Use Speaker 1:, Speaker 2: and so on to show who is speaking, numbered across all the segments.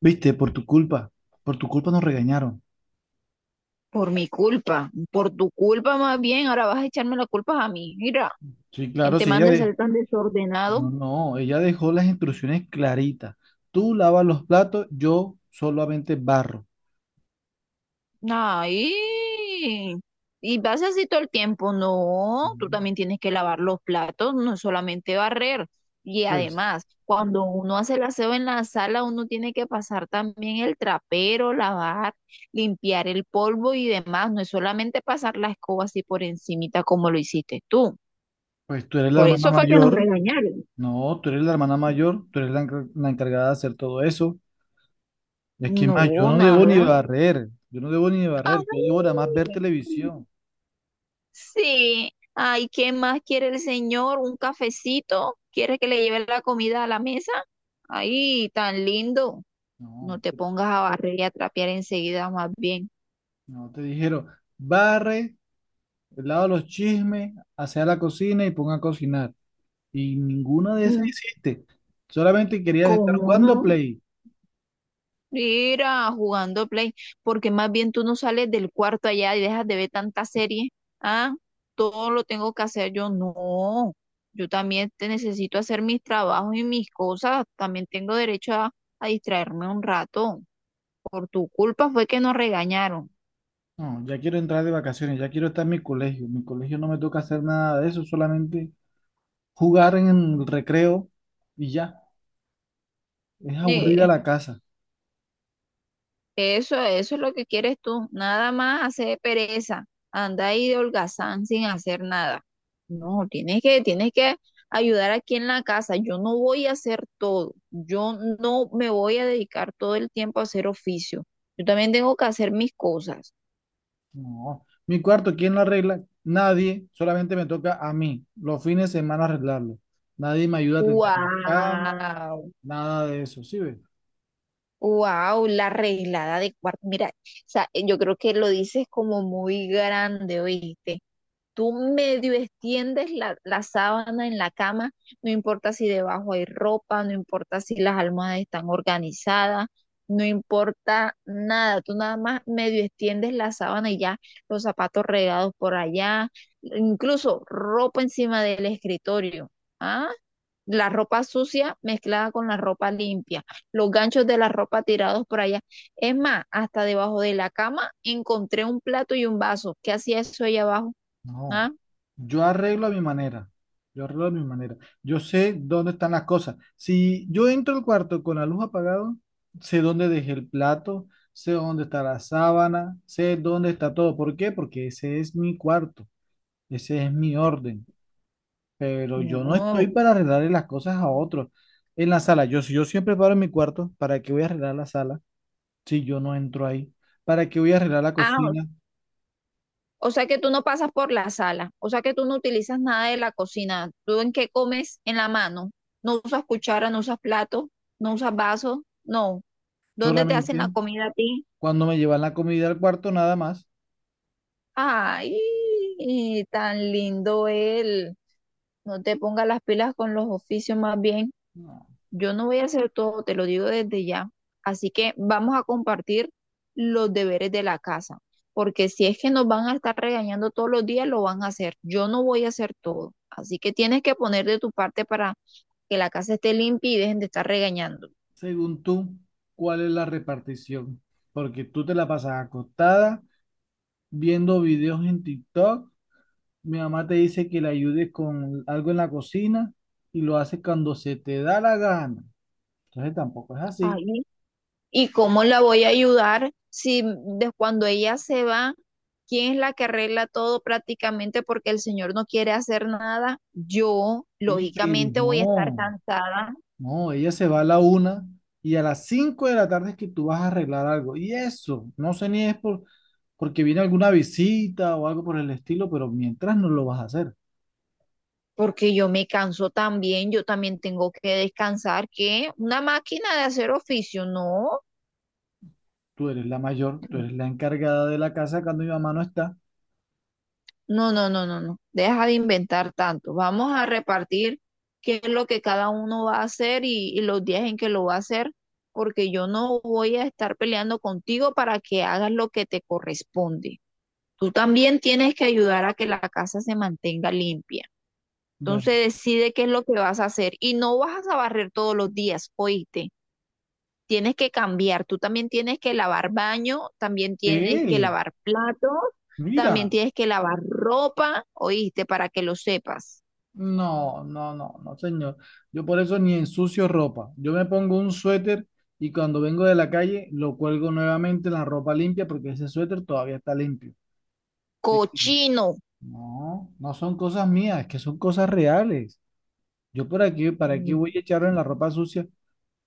Speaker 1: Viste, por tu culpa nos regañaron.
Speaker 2: Por mi culpa, por tu culpa más bien, ahora vas a echarme la culpa a mí. Mira,
Speaker 1: Sí,
Speaker 2: ¿quién
Speaker 1: claro,
Speaker 2: te
Speaker 1: sí,
Speaker 2: manda a ser tan desordenado?
Speaker 1: No, no, ella dejó las instrucciones claritas. Tú lavas los platos, yo solamente barro.
Speaker 2: Ay, y vas así todo el tiempo. No, tú
Speaker 1: Mm.
Speaker 2: también tienes que lavar los platos, no solamente barrer. Y
Speaker 1: Pues,
Speaker 2: además, cuando uno hace el aseo en la sala, uno tiene que pasar también el trapero, lavar, limpiar el polvo y demás. No es solamente pasar la escoba así por encimita como lo hiciste tú.
Speaker 1: pues, tú eres la
Speaker 2: Por
Speaker 1: hermana
Speaker 2: eso fue que nos
Speaker 1: mayor.
Speaker 2: regañaron.
Speaker 1: No, tú eres la hermana mayor, tú eres la encargada de hacer todo eso. Es que más, yo
Speaker 2: No,
Speaker 1: no debo ni
Speaker 2: nada.
Speaker 1: barrer, yo no debo ni barrer,
Speaker 2: Ay,
Speaker 1: yo debo nada más ver televisión.
Speaker 2: sí. Ay, ¿qué más quiere el señor? ¿Un cafecito? ¿Quiere que le lleve la comida a la mesa? Ay, tan lindo. No
Speaker 1: No,
Speaker 2: te pongas a barrer y a trapear enseguida, más bien.
Speaker 1: no te dijeron, barre, lava los chismes, hacia la cocina y ponga a cocinar. Y ninguna de esas
Speaker 2: Mm.
Speaker 1: hiciste. Solamente querías estar
Speaker 2: ¿Cómo
Speaker 1: jugando
Speaker 2: no?
Speaker 1: Play.
Speaker 2: Mira, jugando Play, porque más bien tú no sales del cuarto allá y dejas de ver tanta serie. Ah, todo lo tengo que hacer yo. No, yo también te necesito hacer mis trabajos y mis cosas. También tengo derecho a distraerme un rato. Por tu culpa fue que nos regañaron.
Speaker 1: No, ya quiero entrar de vacaciones, ya quiero estar en mi colegio. En mi colegio no me toca hacer nada de eso, solamente jugar en el recreo y ya. Es aburrida
Speaker 2: Eh,
Speaker 1: la casa.
Speaker 2: Eso, eso es lo que quieres tú, nada más hacer pereza, anda ahí de holgazán sin hacer nada. No, tienes que ayudar aquí en la casa. Yo no voy a hacer todo, yo no me voy a dedicar todo el tiempo a hacer oficio. Yo también tengo que hacer mis cosas.
Speaker 1: No. Mi cuarto, ¿quién lo arregla? Nadie, solamente me toca a mí, los fines de semana arreglarlo. Nadie me ayuda a tender la cama,
Speaker 2: Wow,
Speaker 1: nada de eso, ¿sí ves?
Speaker 2: wow, la arreglada de cuarto. Mira, o sea, yo creo que lo dices como muy grande, oíste. Tú medio extiendes la sábana en la cama, no importa si debajo hay ropa, no importa si las almohadas están organizadas, no importa nada, tú nada más medio extiendes la sábana y ya los zapatos regados por allá, incluso ropa encima del escritorio. ¿Ah? La ropa sucia mezclada con la ropa limpia, los ganchos de la ropa tirados por allá. Es más, hasta debajo de la cama encontré un plato y un vaso. ¿Qué hacía eso ahí abajo?
Speaker 1: No,
Speaker 2: ¿Ah?
Speaker 1: yo arreglo a mi manera. Yo arreglo a mi manera. Yo sé dónde están las cosas. Si yo entro al cuarto con la luz apagada, sé dónde dejé el plato, sé dónde está la sábana, sé dónde está todo. ¿Por qué? Porque ese es mi cuarto, ese es mi orden. Pero yo no estoy
Speaker 2: No.
Speaker 1: para arreglarle las cosas a otros. En la sala, si yo siempre paro en mi cuarto, ¿para qué voy a arreglar la sala si yo no entro ahí? ¿Para qué voy a arreglar la
Speaker 2: Ah,
Speaker 1: cocina?
Speaker 2: o sea que tú no pasas por la sala, o sea que tú no utilizas nada de la cocina. ¿Tú en qué comes? En la mano. No usas cuchara, no usas plato, no usas vaso, no. ¿Dónde te hacen la
Speaker 1: Solamente
Speaker 2: comida a ti?
Speaker 1: cuando me llevan la comida al cuarto, nada más.
Speaker 2: Ay, tan lindo él. No te pongas las pilas con los oficios más bien. Yo no voy a hacer todo, te lo digo desde ya. Así que vamos a compartir los deberes de la casa, porque si es que nos van a estar regañando todos los días, lo van a hacer. Yo no voy a hacer todo. Así que tienes que poner de tu parte para que la casa esté limpia y dejen de estar regañando.
Speaker 1: Según tú, ¿cuál es la repartición? Porque tú te la pasas acostada viendo videos en TikTok. Mi mamá te dice que le ayudes con algo en la cocina y lo haces cuando se te da la gana. Entonces tampoco es así.
Speaker 2: Ay, ¿y cómo la voy a ayudar si de cuando ella se va, quién es la que arregla todo prácticamente porque el señor no quiere hacer nada? Yo,
Speaker 1: Oye, pero
Speaker 2: lógicamente, voy a estar
Speaker 1: no,
Speaker 2: cansada.
Speaker 1: no, ella se va a la 1 y a las 5 de la tarde es que tú vas a arreglar algo. Y eso, no sé ni es porque viene alguna visita o algo por el estilo, pero mientras no lo vas a hacer.
Speaker 2: Porque yo me canso también, yo también tengo que descansar, que una máquina de hacer oficio, no,
Speaker 1: Tú eres la mayor, tú eres la encargada de la casa cuando mi mamá no está.
Speaker 2: no, no, no, no, no, deja de inventar tanto, vamos a repartir qué es lo que cada uno va a hacer y los días en que lo va a hacer, porque yo no voy a estar peleando contigo para que hagas lo que te corresponde. Tú también tienes que ayudar a que la casa se mantenga limpia.
Speaker 1: Bueno,
Speaker 2: Entonces decide qué es lo que vas a hacer y no vas a barrer todos los días, oíste. Tienes que cambiar, tú también tienes que lavar baño, también tienes que
Speaker 1: ¿qué?
Speaker 2: lavar platos, también
Speaker 1: Mira,
Speaker 2: tienes que lavar ropa, oíste, para que lo sepas.
Speaker 1: no, no, no, no, señor. Yo por eso ni ensucio ropa. Yo me pongo un suéter y cuando vengo de la calle lo cuelgo nuevamente en la ropa limpia porque ese suéter todavía está limpio. Así que,
Speaker 2: Cochino.
Speaker 1: no, no son cosas mías, es que son cosas reales. Yo por aquí, ¿para aquí
Speaker 2: Mm,
Speaker 1: voy a echar en la ropa sucia?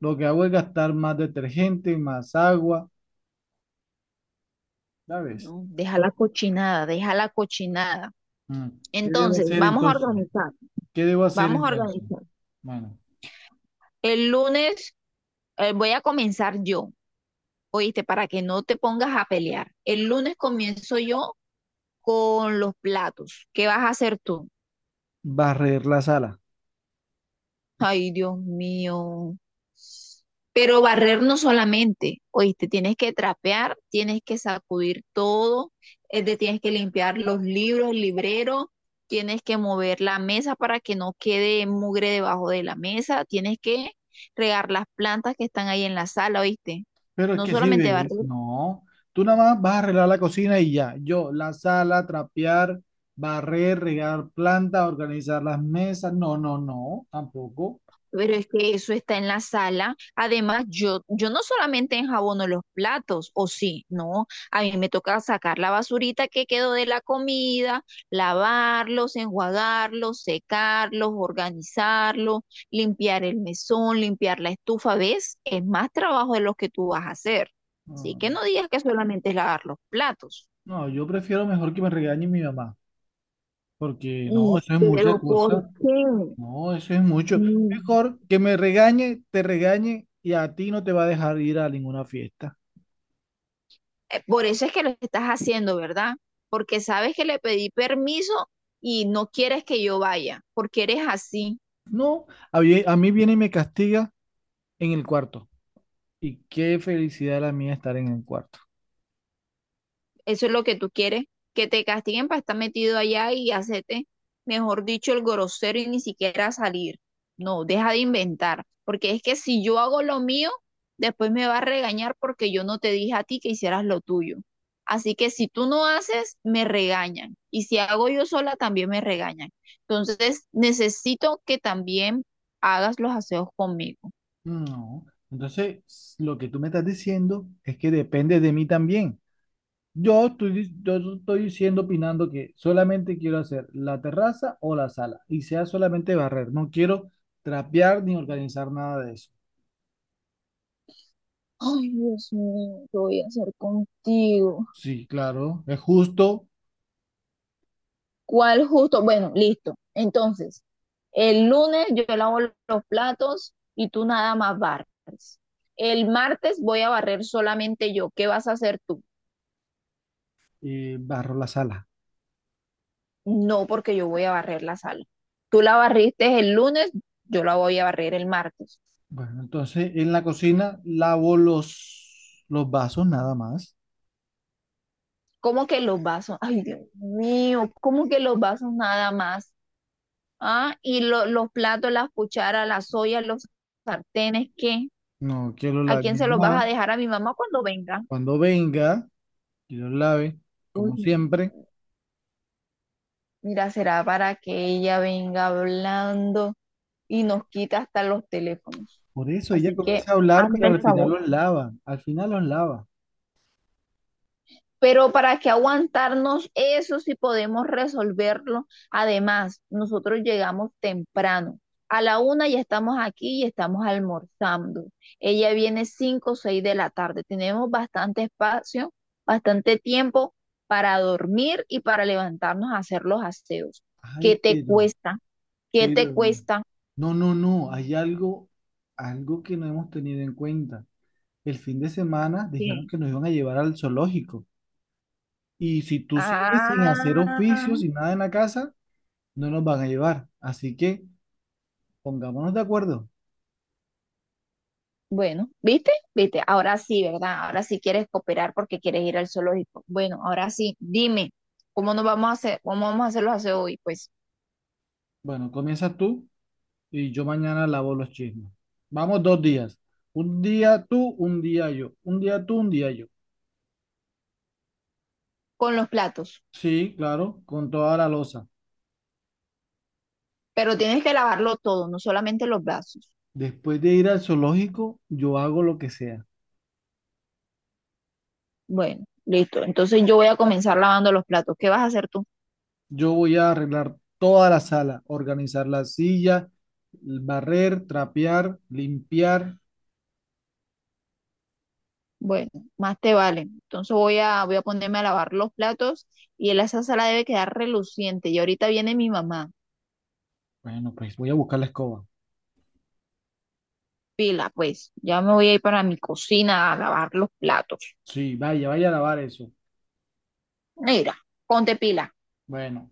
Speaker 1: Lo que hago es gastar más detergente, más agua, ¿sabes?
Speaker 2: No, deja la cochinada, deja la cochinada.
Speaker 1: Mm. ¿Qué debo
Speaker 2: Entonces,
Speaker 1: hacer
Speaker 2: vamos a
Speaker 1: entonces?
Speaker 2: organizar,
Speaker 1: ¿Qué debo hacer
Speaker 2: vamos a
Speaker 1: entonces?
Speaker 2: organizar.
Speaker 1: Bueno,
Speaker 2: El lunes voy a comenzar yo, oíste, para que no te pongas a pelear. El lunes comienzo yo con los platos. ¿Qué vas a hacer tú?
Speaker 1: barrer la sala.
Speaker 2: Ay, Dios mío. Pero barrer no solamente, oíste, tienes que trapear, tienes que sacudir todo, tienes que limpiar los libros, el librero, tienes que mover la mesa para que no quede mugre debajo de la mesa, tienes que regar las plantas que están ahí en la sala, oíste.
Speaker 1: Pero es
Speaker 2: No
Speaker 1: que si
Speaker 2: solamente
Speaker 1: ves,
Speaker 2: barrer.
Speaker 1: no. Tú nada más vas a arreglar la cocina y ya. Yo, la sala, trapear, barrer, regar plantas, organizar las mesas. No, no, no, tampoco.
Speaker 2: Pero es que eso está en la sala. Además, yo no solamente enjabono los platos, o sí, no. A mí me toca sacar la basurita que quedó de la comida, lavarlos, enjuagarlos, secarlos, organizarlos, limpiar el mesón, limpiar la estufa. ¿Ves? Es más trabajo de los que tú vas a hacer. Así
Speaker 1: No,
Speaker 2: que no digas que solamente es lavar los platos.
Speaker 1: no, yo prefiero mejor que me regañe mi mamá, porque no,
Speaker 2: Mm.
Speaker 1: eso es mucha
Speaker 2: Pero ¿por
Speaker 1: cosa.
Speaker 2: qué?
Speaker 1: No, eso es mucho.
Speaker 2: Mm.
Speaker 1: Mejor que me regañe, te regañe y a ti no te va a dejar ir a ninguna fiesta.
Speaker 2: Por eso es que lo estás haciendo, ¿verdad? Porque sabes que le pedí permiso y no quieres que yo vaya, porque eres así.
Speaker 1: No, a mí viene y me castiga en el cuarto. Y qué felicidad la mía estar en el cuarto.
Speaker 2: Eso es lo que tú quieres, que te castiguen para estar metido allá y hacerte, mejor dicho, el grosero y ni siquiera salir. No, deja de inventar, porque es que si yo hago lo mío, después me va a regañar porque yo no te dije a ti que hicieras lo tuyo. Así que si tú no haces, me regañan. Y si hago yo sola, también me regañan. Entonces, necesito que también hagas los aseos conmigo.
Speaker 1: No. Entonces, lo que tú me estás diciendo es que depende de mí también. Yo estoy diciendo, opinando que solamente quiero hacer la terraza o la sala y sea solamente barrer. No quiero trapear ni organizar nada de eso.
Speaker 2: Ay, Dios mío, ¿qué voy a hacer contigo?
Speaker 1: Sí, claro, es justo.
Speaker 2: ¿Cuál justo? Bueno, listo. Entonces, el lunes yo lavo los platos y tú nada más barres. El martes voy a barrer solamente yo. ¿Qué vas a hacer tú?
Speaker 1: Barro la sala.
Speaker 2: No, porque yo voy a barrer la sala. Tú la barriste el lunes, yo la voy a barrer el martes.
Speaker 1: Bueno, entonces en la cocina lavo los vasos nada más.
Speaker 2: ¿Cómo que los vasos? Ay, Dios mío, ¿cómo que los vasos nada más? Ah, y los platos, las cucharas, las ollas, los sartenes, ¿qué?
Speaker 1: No quiero,
Speaker 2: ¿A
Speaker 1: la
Speaker 2: quién
Speaker 1: mi
Speaker 2: se los vas a
Speaker 1: mamá
Speaker 2: dejar a mi mamá cuando venga?
Speaker 1: cuando venga y los lave,
Speaker 2: Uy.
Speaker 1: como siempre.
Speaker 2: Mira, será para que ella venga hablando y nos quita hasta los teléfonos.
Speaker 1: Por eso ella
Speaker 2: Así que
Speaker 1: comienza a hablar,
Speaker 2: hazme
Speaker 1: pero
Speaker 2: el
Speaker 1: al final
Speaker 2: favor.
Speaker 1: los lava, al final los lava.
Speaker 2: Pero para que aguantarnos eso si podemos resolverlo. Además, nosotros llegamos temprano. A la una ya estamos aquí y estamos almorzando. Ella viene cinco o seis de la tarde. Tenemos bastante espacio, bastante tiempo para dormir y para levantarnos a hacer los aseos. ¿Qué
Speaker 1: Ay,
Speaker 2: te
Speaker 1: pero,
Speaker 2: cuesta? ¿Qué te
Speaker 1: pero,
Speaker 2: cuesta?
Speaker 1: no, no, no, hay algo que no hemos tenido en cuenta. El fin de semana dijeron
Speaker 2: Sí.
Speaker 1: que nos iban a llevar al zoológico y si tú sigues sin hacer
Speaker 2: Ah,
Speaker 1: oficios y nada en la casa, no nos van a llevar. Así que pongámonos de acuerdo.
Speaker 2: bueno, ¿viste? ¿Viste? Ahora sí, ¿verdad? Ahora sí quieres cooperar porque quieres ir al zoológico. Bueno, ahora sí, dime, ¿cómo nos vamos a hacer, cómo vamos a hacer los aseos hoy? Pues
Speaker 1: Bueno, comienzas tú. Y yo mañana lavo los chismes. Vamos 2 días. Un día tú, un día yo. Un día tú, un día yo.
Speaker 2: con los platos,
Speaker 1: Sí, claro, con toda la loza.
Speaker 2: pero tienes que lavarlo todo, no solamente los brazos.
Speaker 1: Después de ir al zoológico, yo hago lo que sea.
Speaker 2: Bueno, listo. Entonces yo voy a comenzar lavando los platos. ¿Qué vas a hacer tú?
Speaker 1: Yo voy a arreglar toda la sala, organizar la silla, barrer, trapear, limpiar.
Speaker 2: Bueno, más te vale. Entonces voy a, voy a ponerme a lavar los platos y esa sala debe quedar reluciente. Y ahorita viene mi mamá.
Speaker 1: Bueno, pues voy a buscar la escoba.
Speaker 2: Pila, pues ya me voy a ir para mi cocina a lavar los platos.
Speaker 1: Sí, vaya, vaya a lavar eso.
Speaker 2: Mira, ponte pila.
Speaker 1: Bueno,